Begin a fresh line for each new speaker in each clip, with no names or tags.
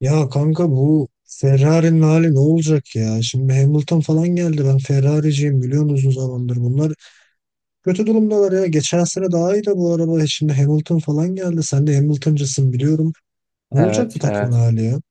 Ya kanka bu Ferrari'nin hali ne olacak ya? Şimdi Hamilton falan geldi. Ben Ferrari'ciyim biliyorsun uzun zamandır. Bunlar kötü durumdalar ya. Geçen sene daha iyi de bu araba. Şimdi Hamilton falan geldi. Sen de Hamilton'cısın biliyorum. Ne olacak
Evet,
bu takımın
evet.
hali ya?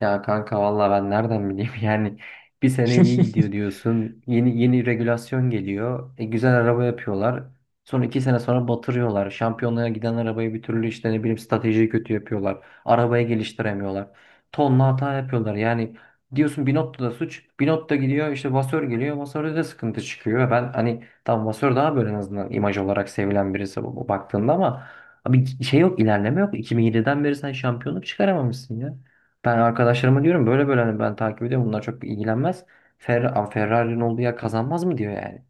Ya kanka valla ben nereden bileyim yani bir sene iyi gidiyor diyorsun yeni yeni regülasyon geliyor güzel araba yapıyorlar sonra iki sene sonra batırıyorlar şampiyonluğa giden arabayı bir türlü işte ne bileyim stratejiyi kötü yapıyorlar arabayı geliştiremiyorlar tonla hata yapıyorlar yani diyorsun Binotto da suç, Binotto da gidiyor işte Vasör geliyor, Vasör'de de sıkıntı çıkıyor. Ben hani tam Vasör daha böyle en azından imaj olarak sevilen birisi bu baktığında ama abi şey yok, ilerleme yok, 2007'den beri sen şampiyonluk çıkaramamışsın ya. Ben arkadaşlarıma diyorum böyle böyle, hani ben takip ediyorum, bunlar çok ilgilenmez. Ferrari'nin olduğu yer kazanmaz mı diyor yani.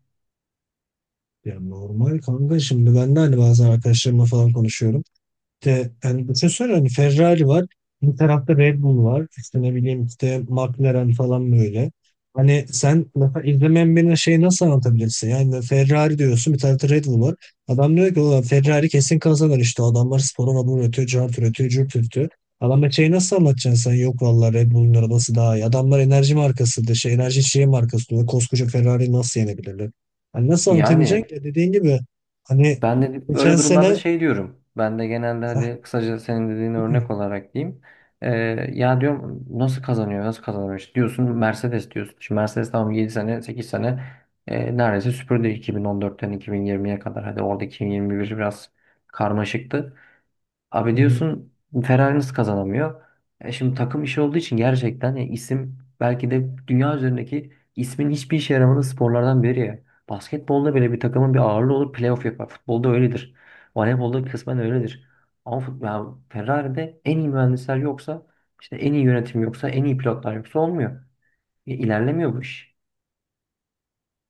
Ya normal kanka şimdi ben de hani bazen arkadaşlarımla falan konuşuyorum. İşte yani düşünsene hani Ferrari var. Bir tarafta Red Bull var. İşte ne bileyim işte McLaren falan böyle. Hani sen mesela izlemeyen birine şeyi nasıl anlatabilirsin? Yani Ferrari diyorsun, bir tarafta Red Bull var. Adam diyor ki ulan Ferrari kesin kazanır işte. Adamlar sporun adını üretiyor, cart üretiyor, cürt üretiyor. Adama şeyi nasıl anlatacaksın sen? Yok vallahi Red Bull'un arabası daha iyi. Adamlar enerji markası da şey enerji içeceği markası diyor. Koskoca Ferrari nasıl yenebilirler? Hani nasıl
Yani
anlatabileceksin ki? Dediğin gibi hani
ben de
geçen
böyle durumlarda
sene
şey diyorum. Ben de genelde hadi kısaca senin dediğin örnek olarak diyeyim. Ee, ya diyorum nasıl kazanıyor, nasıl kazanıyor, işte diyorsun Mercedes diyorsun. Şimdi Mercedes tamam, 7 sene 8 sene neredeyse süpürdü 2014'ten 2020'ye kadar. Hadi orada 2021 biraz karmaşıktı. Abi
Hı.
diyorsun Ferrari nasıl kazanamıyor? E şimdi takım işi olduğu için gerçekten ya isim belki de dünya üzerindeki ismin hiçbir işe yaramadığı sporlardan biri ya. Basketbolda bile bir takımın bir ağırlığı olur, playoff yapar. Futbolda öyledir. Voleybolda kısmen öyledir. Ama ya Ferrari'de en iyi mühendisler yoksa, işte en iyi yönetim yoksa, en iyi pilotlar yoksa olmuyor. Ya İlerlemiyor bu iş.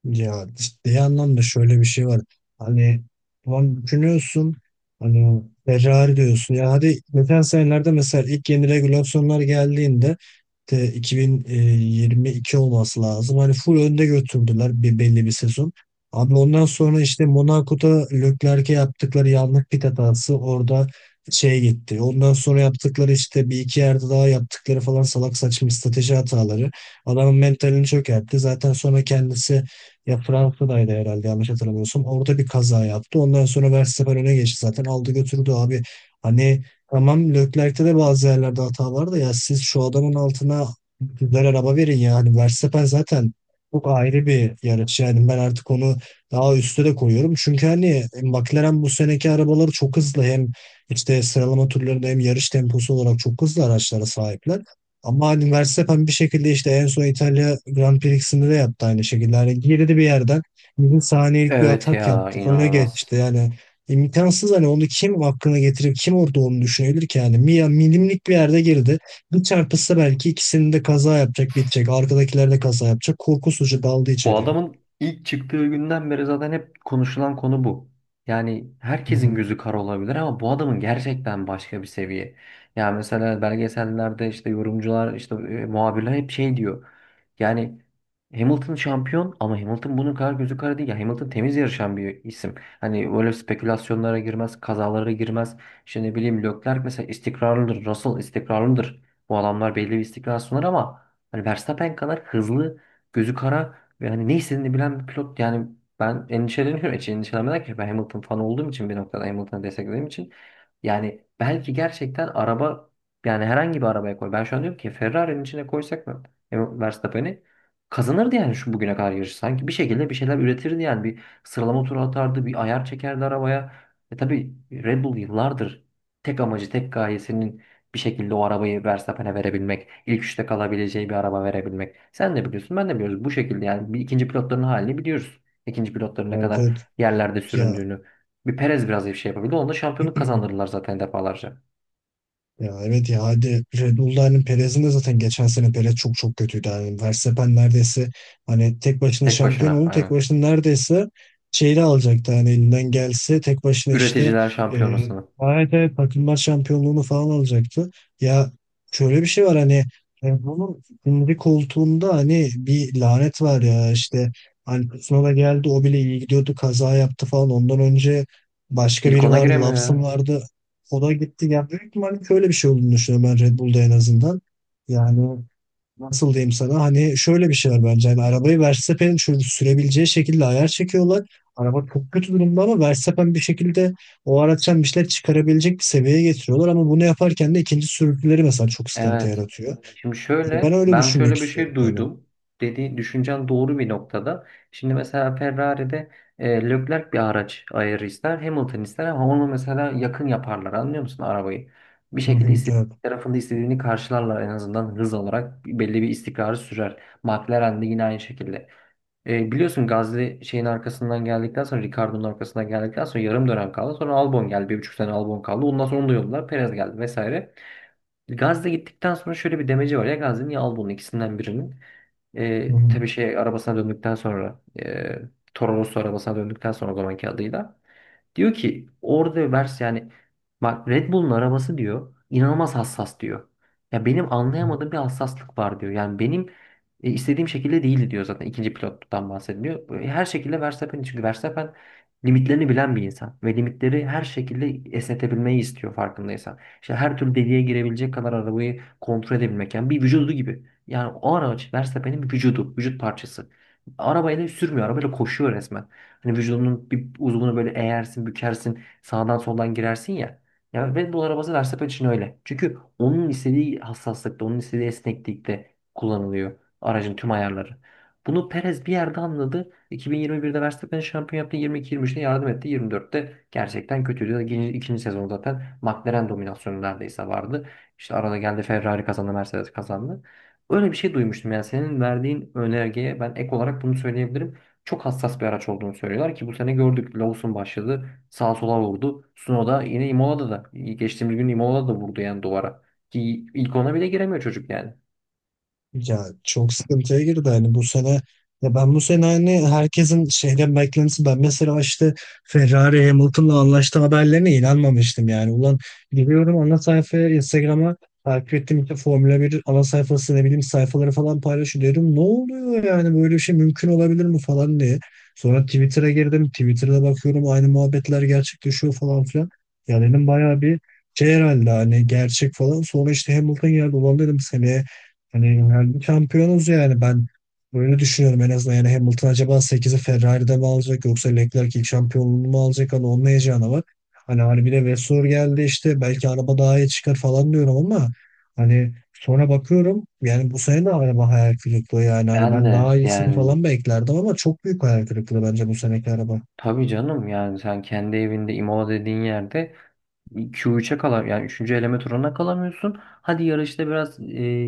Ya ciddi anlamda şöyle bir şey var. Hani ulan düşünüyorsun hani Ferrari diyorsun. Ya hadi geçen senelerde mesela ilk yeni regülasyonlar geldiğinde de 2022 olması lazım. Hani full önde götürdüler bir belli bir sezon. Abi ondan sonra işte Monaco'da Leclerc'e yaptıkları yanlış pit hatası orada şey gitti. Ondan sonra yaptıkları işte bir iki yerde daha yaptıkları falan salak saçma strateji hataları. Adamın mentalini çökertti. Zaten sonra kendisi ya Fransa'daydı herhalde yanlış hatırlamıyorsam. Orada bir kaza yaptı. Ondan sonra Verstappen öne geçti zaten. Aldı götürdü abi. Hani tamam, Leclerc'te de bazı yerlerde hata var da ya siz şu adamın altına güzel araba verin ya. Hani Verstappen zaten çok ayrı bir yarış. Yani ben artık onu daha üste de koyuyorum. Çünkü hani McLaren bu seneki arabaları çok hızlı. Hem işte sıralama turlarında hem yarış temposu olarak çok hızlı araçlara sahipler. Ama hani Verstappen bir şekilde işte en son İtalya Grand Prix'sinde de yaptı aynı şekilde. Hani girdi bir yerden millisaniyelik bir
Evet
atak
ya,
yaptı. Öne geçti
inanılmaz.
yani. İmkansız, hani onu kim hakkına getirip kim orada onu düşünebilir ki yani. Mia milimlik bir yerde girdi. Bir çarpışsa belki ikisinin de kaza yapacak, bitecek. Arkadakiler de kaza yapacak. Korkusuzca daldı
Bu
içeriye.
adamın ilk çıktığı günden beri zaten hep konuşulan konu bu. Yani
Hı
herkesin
hı.
gözü kara olabilir ama bu adamın gerçekten başka bir seviye. Yani mesela belgesellerde işte yorumcular, işte muhabirler hep şey diyor. Yani Hamilton şampiyon ama Hamilton bunun kadar gözü kara değil. Ya Hamilton temiz yarışan bir isim. Hani öyle spekülasyonlara girmez, kazalara girmez. İşte ne bileyim Leclerc mesela istikrarlıdır, Russell istikrarlıdır. Bu adamlar belli bir istikrar sunar ama hani Verstappen kadar hızlı, gözü kara ve hani ne istediğini bilen bir pilot yani ben endişeleniyorum. Hiç endişelenmeden ki ben Hamilton fanı olduğum için, bir noktada Hamilton'ı desteklediğim için, yani belki gerçekten araba, yani herhangi bir arabaya koy. Ben şu an diyorum ki Ferrari'nin içine koysak mı Verstappen'i, kazanırdı yani şu bugüne kadar yarışı. Sanki bir şekilde bir şeyler üretirdi yani, bir sıralama turu atardı, bir ayar çekerdi arabaya. E tabii Red Bull yıllardır tek amacı, tek gayesinin bir şekilde o arabayı Verstappen'e verebilmek, ilk üçte kalabileceği bir araba verebilmek. Sen de biliyorsun, ben de biliyoruz. Bu şekilde yani bir ikinci pilotların halini biliyoruz. İkinci pilotların ne
Evet
kadar
evet.
yerlerde
Ya
süründüğünü. Bir Perez biraz bir şey yapabildi. Onda şampiyonluk kazandırırlar zaten defalarca.
ya evet ya hadi Red Bull'da hani Perez'in de zaten geçen sene Perez çok çok kötüydü. Yani Verstappen neredeyse hani tek başına
Tek
şampiyon
başına
oldu. Tek
aynen.
başına neredeyse şeyle alacaktı hani elinden gelse tek başına işte
Üreticiler
e,
şampiyonasını.
evet evet takımlar şampiyonluğunu falan alacaktı. Ya şöyle bir şey var hani Red Bull'un ikinci koltuğunda hani bir lanet var ya işte hani Tsunoda geldi o bile iyi gidiyordu kaza yaptı falan. Ondan önce başka
İlk
biri
ona
vardı,
giremiyor
Lawson
ya.
vardı. O da gitti. Yani büyük ihtimalle şöyle bir şey olduğunu düşünüyorum ben Red Bull'da en azından. Yani nasıl diyeyim sana hani şöyle bir şey var bence. Hani arabayı Verstappen'in şöyle sürebileceği şekilde ayar çekiyorlar. Araba çok kötü durumda ama Verstappen bir şekilde o araçtan bir şeyler çıkarabilecek bir seviyeye getiriyorlar. Ama bunu yaparken de ikinci sürücüleri mesela çok sıkıntı
Evet.
yaratıyor.
Şimdi
Yani ben
şöyle,
öyle
ben
düşünmek
şöyle bir
istiyorum
şey
yani.
duydum. Dediğin düşüncen doğru bir noktada. Şimdi mesela Ferrari'de Leclerc bir araç ayarı ister, Hamilton ister ama onu mesela yakın yaparlar. Anlıyor musun arabayı? Bir
Hı
şekilde
hı,
istediği
evet.
tarafında istediğini karşılarlar, en azından hız olarak belli bir istikrarı sürer. McLaren de yine aynı şekilde. Biliyorsun Gasly şeyin arkasından geldikten sonra, Ricardo'nun arkasından geldikten sonra yarım dönem kaldı. Sonra Albon geldi. Bir buçuk sene Albon kaldı. Ondan sonra onu da yolladılar. Perez geldi vesaire. Gazze gittikten sonra şöyle bir demeci var ya Gazze'nin ya Albon'un, ikisinden birinin.
Hı
Tabii şey arabasına döndükten sonra, Toro Rosso arabasına döndükten sonra, o zamanki adıyla. Diyor ki orada vers, yani bak, Red Bull'un arabası diyor inanılmaz hassas diyor. Ya benim
hı.
anlayamadığım bir hassaslık var diyor. Yani benim istediğim şekilde değildi diyor, zaten ikinci pilottan bahsediyor. Her şekilde Verstappen, çünkü Verstappen limitlerini bilen bir insan ve limitleri her şekilde esnetebilmeyi istiyor, farkındaysan. İşte her türlü deliğe girebilecek kadar arabayı kontrol edebilmek, yani bir vücudu gibi. Yani o araç Verstappen'in bir vücudu, vücut parçası. Arabayla sürmüyor, arabayla koşuyor resmen. Hani vücudunun bir uzvunu böyle eğersin, bükersin, sağdan soldan girersin ya. Ya Red Bull arabası Verstappen için öyle. Çünkü onun istediği hassaslıkta, onun istediği esneklikte kullanılıyor aracın tüm ayarları. Bunu Perez bir yerde anladı. 2021'de Verstappen şampiyon yaptı. 22-23'te yardım etti. 24'te gerçekten kötüydü. İkinci sezon zaten McLaren dominasyonu neredeyse vardı. İşte arada geldi, Ferrari kazandı, Mercedes kazandı. Öyle bir şey duymuştum. Yani senin verdiğin önergeye ben ek olarak bunu söyleyebilirim, çok hassas bir araç olduğunu söylüyorlar, ki bu sene gördük. Lawson başladı. Sağa sola vurdu. Sunoda yine Imola'da da. Geçtiğimiz gün Imola'da da vurdu yani duvara. Ki ilk ona bile giremiyor çocuk yani.
Ya çok sıkıntıya girdi hani bu sene. Ya ben bu sene hani herkesin şeyden beklentisi, ben mesela işte Ferrari Hamilton'la anlaştı haberlerine inanmamıştım yani. Ulan giriyorum ana sayfaya, Instagram'a, takip ettiğim işte Formula 1 ana sayfası ne bileyim sayfaları falan paylaşıyor, diyorum ne oluyor yani, böyle bir şey mümkün olabilir mi falan diye. Sonra Twitter'a girdim, Twitter'da bakıyorum aynı muhabbetler gerçekleşiyor falan filan. Ya dedim bayağı bir şey herhalde, hani gerçek falan. Sonra işte Hamilton geldi, ulan dedim seneye hani yani şampiyonuz yani, ben böyle düşünüyorum en azından. Yani Hamilton acaba sekizi Ferrari'de mi alacak, yoksa Leclerc ilk şampiyonluğunu mu alacak? Hani onun heyecanı var. Hani bir de Vettel geldi işte, belki araba daha iyi çıkar falan diyorum ama hani sonra bakıyorum yani bu sene de araba hayal kırıklığı yani. Hani
Ben
ben daha
de
iyisini
yani,
falan beklerdim ama çok büyük hayal kırıklığı bence bu seneki araba.
tabii canım, yani sen kendi evinde Imola dediğin yerde Q3'e kalam, yani 3. eleme turuna kalamıyorsun. Hadi yarışta biraz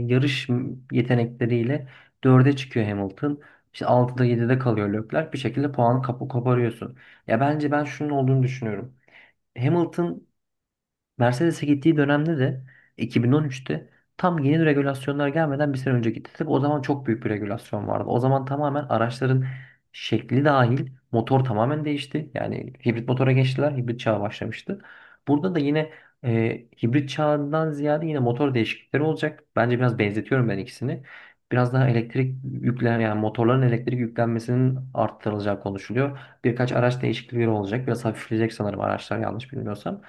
yarış yetenekleriyle dörde çıkıyor Hamilton. İşte 6'da 7'de kalıyor Leclerc. Bir şekilde puanı kapı koparıyorsun. Ya bence ben şunun olduğunu düşünüyorum. Hamilton Mercedes'e gittiği dönemde de, 2013'te, tam yeni regülasyonlar gelmeden bir sene önce gitti. Tabii o zaman çok büyük bir regülasyon vardı. O zaman tamamen araçların şekli dahil motor tamamen değişti. Yani hibrit motora geçtiler. Hibrit çağı başlamıştı. Burada da yine hibrit çağından ziyade yine motor değişiklikleri olacak. Bence biraz benzetiyorum ben ikisini. Biraz daha elektrik yüklen, yani motorların elektrik yüklenmesinin arttırılacağı konuşuluyor. Birkaç araç değişiklikleri olacak. Biraz hafifleyecek sanırım araçlar, yanlış bilmiyorsam.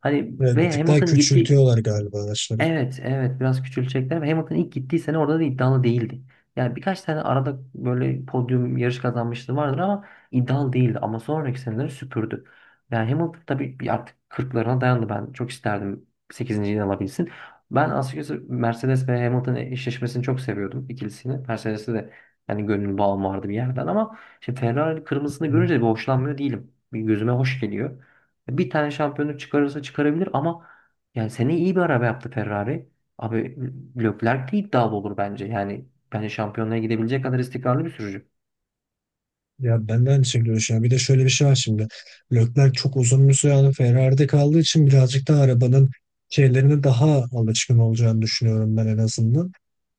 Hani
Evet, bir
ve
tık daha
Hamilton gitti.
küçültüyorlar galiba araçları.
Evet, evet biraz küçülecekler. Ama Hamilton ilk gittiği sene orada da iddialı değildi. Yani birkaç tane arada böyle podyum, yarış kazanmışlığı vardır ama iddialı değildi. Ama sonraki seneleri süpürdü. Yani Hamilton tabii bir artık kırklarına dayandı. Ben çok isterdim 8'inciyi alabilsin. Ben açıkçası Mercedes ve Hamilton eşleşmesini çok seviyordum, ikilisini. Mercedes'e de yani gönül bağım vardı bir yerden ama şimdi Ferrari kırmızısını
Hı.
görünce bir hoşlanmıyor değilim. Bir gözüme hoş geliyor. Bir tane şampiyonluk çıkarırsa çıkarabilir ama yani seneye iyi bir araba yaptı Ferrari. Abi Leclerc de iddialı olur bence. Yani bence şampiyonluğa gidebilecek kadar istikrarlı bir sürücü.
Ya ben de aynı şekilde düşünüyorum. Bir de şöyle bir şey var şimdi. Leclerc çok uzun bir süre hani Ferrari'de kaldığı için birazcık daha arabanın şeylerine daha alışkın olacağını düşünüyorum ben en azından.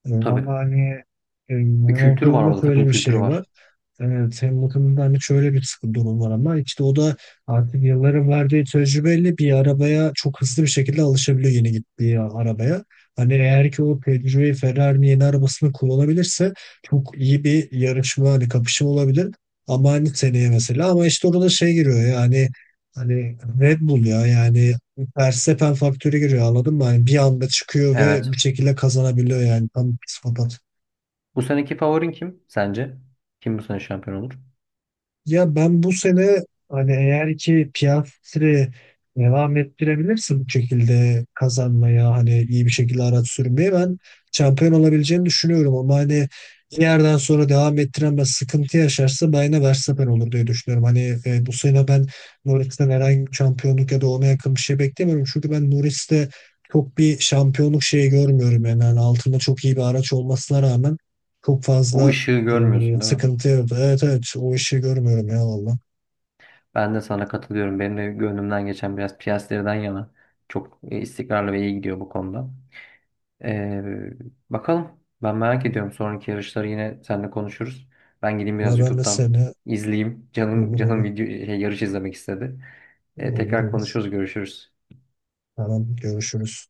Ama
Tabii.
hani
Bir kültür var
Hamilton'ın da
orada. Takım
şöyle bir
kültürü
şey var.
var.
Evet, hem bakımından hani şöyle bir sıkı durum var ama işte o da artık yılların verdiği tecrübeyle bir arabaya çok hızlı bir şekilde alışabiliyor, yeni gittiği arabaya. Hani eğer ki o tecrübeyi Ferrari'nin yeni arabasını kullanabilirse çok iyi bir yarışma, hani kapışma olabilir. Ama hani seneye mesela, ama işte orada şey giriyor yani, hani Red Bull ya yani, Verstappen faktörü giriyor, anladın mı? Hani bir anda çıkıyor ve
Evet.
bir şekilde kazanabiliyor yani, tam psikopat.
Bu seneki favorin kim sence? Kim bu sene şampiyon olur?
Ya ben bu sene hani eğer ki Piastri'yi devam ettirebilirsin bu şekilde kazanmaya, hani iyi bir şekilde araç sürmeye, ben şampiyon olabileceğini düşünüyorum ama hani bir yerden sonra devam ettiremez, sıkıntı yaşarsa ben yine Verstappen olur diye düşünüyorum. Hani bu sene ben Norris'ten herhangi bir şampiyonluk ya da ona yakın bir şey beklemiyorum. Çünkü ben Norris'te çok bir şampiyonluk şeyi görmüyorum yani. Yani altında çok iyi bir araç olmasına rağmen çok
O
fazla
ışığı görmüyorsun değil mi?
sıkıntıydı. Evet evet, o işi görmüyorum ya valla.
Ben de sana katılıyorum. Benim de gönlümden geçen biraz Piastri'den yana. Çok istikrarlı ve iyi gidiyor bu konuda. Ee, bakalım. Ben merak ediyorum. Sonraki yarışları yine seninle konuşuruz. Ben gideyim biraz
Ama ben de
YouTube'dan
seni.
izleyeyim. Canım
Olur
canım
olur,
video şey, yarış izlemek istedi.
olur
Tekrar
olur.
konuşuruz, görüşürüz.
Tamam, görüşürüz.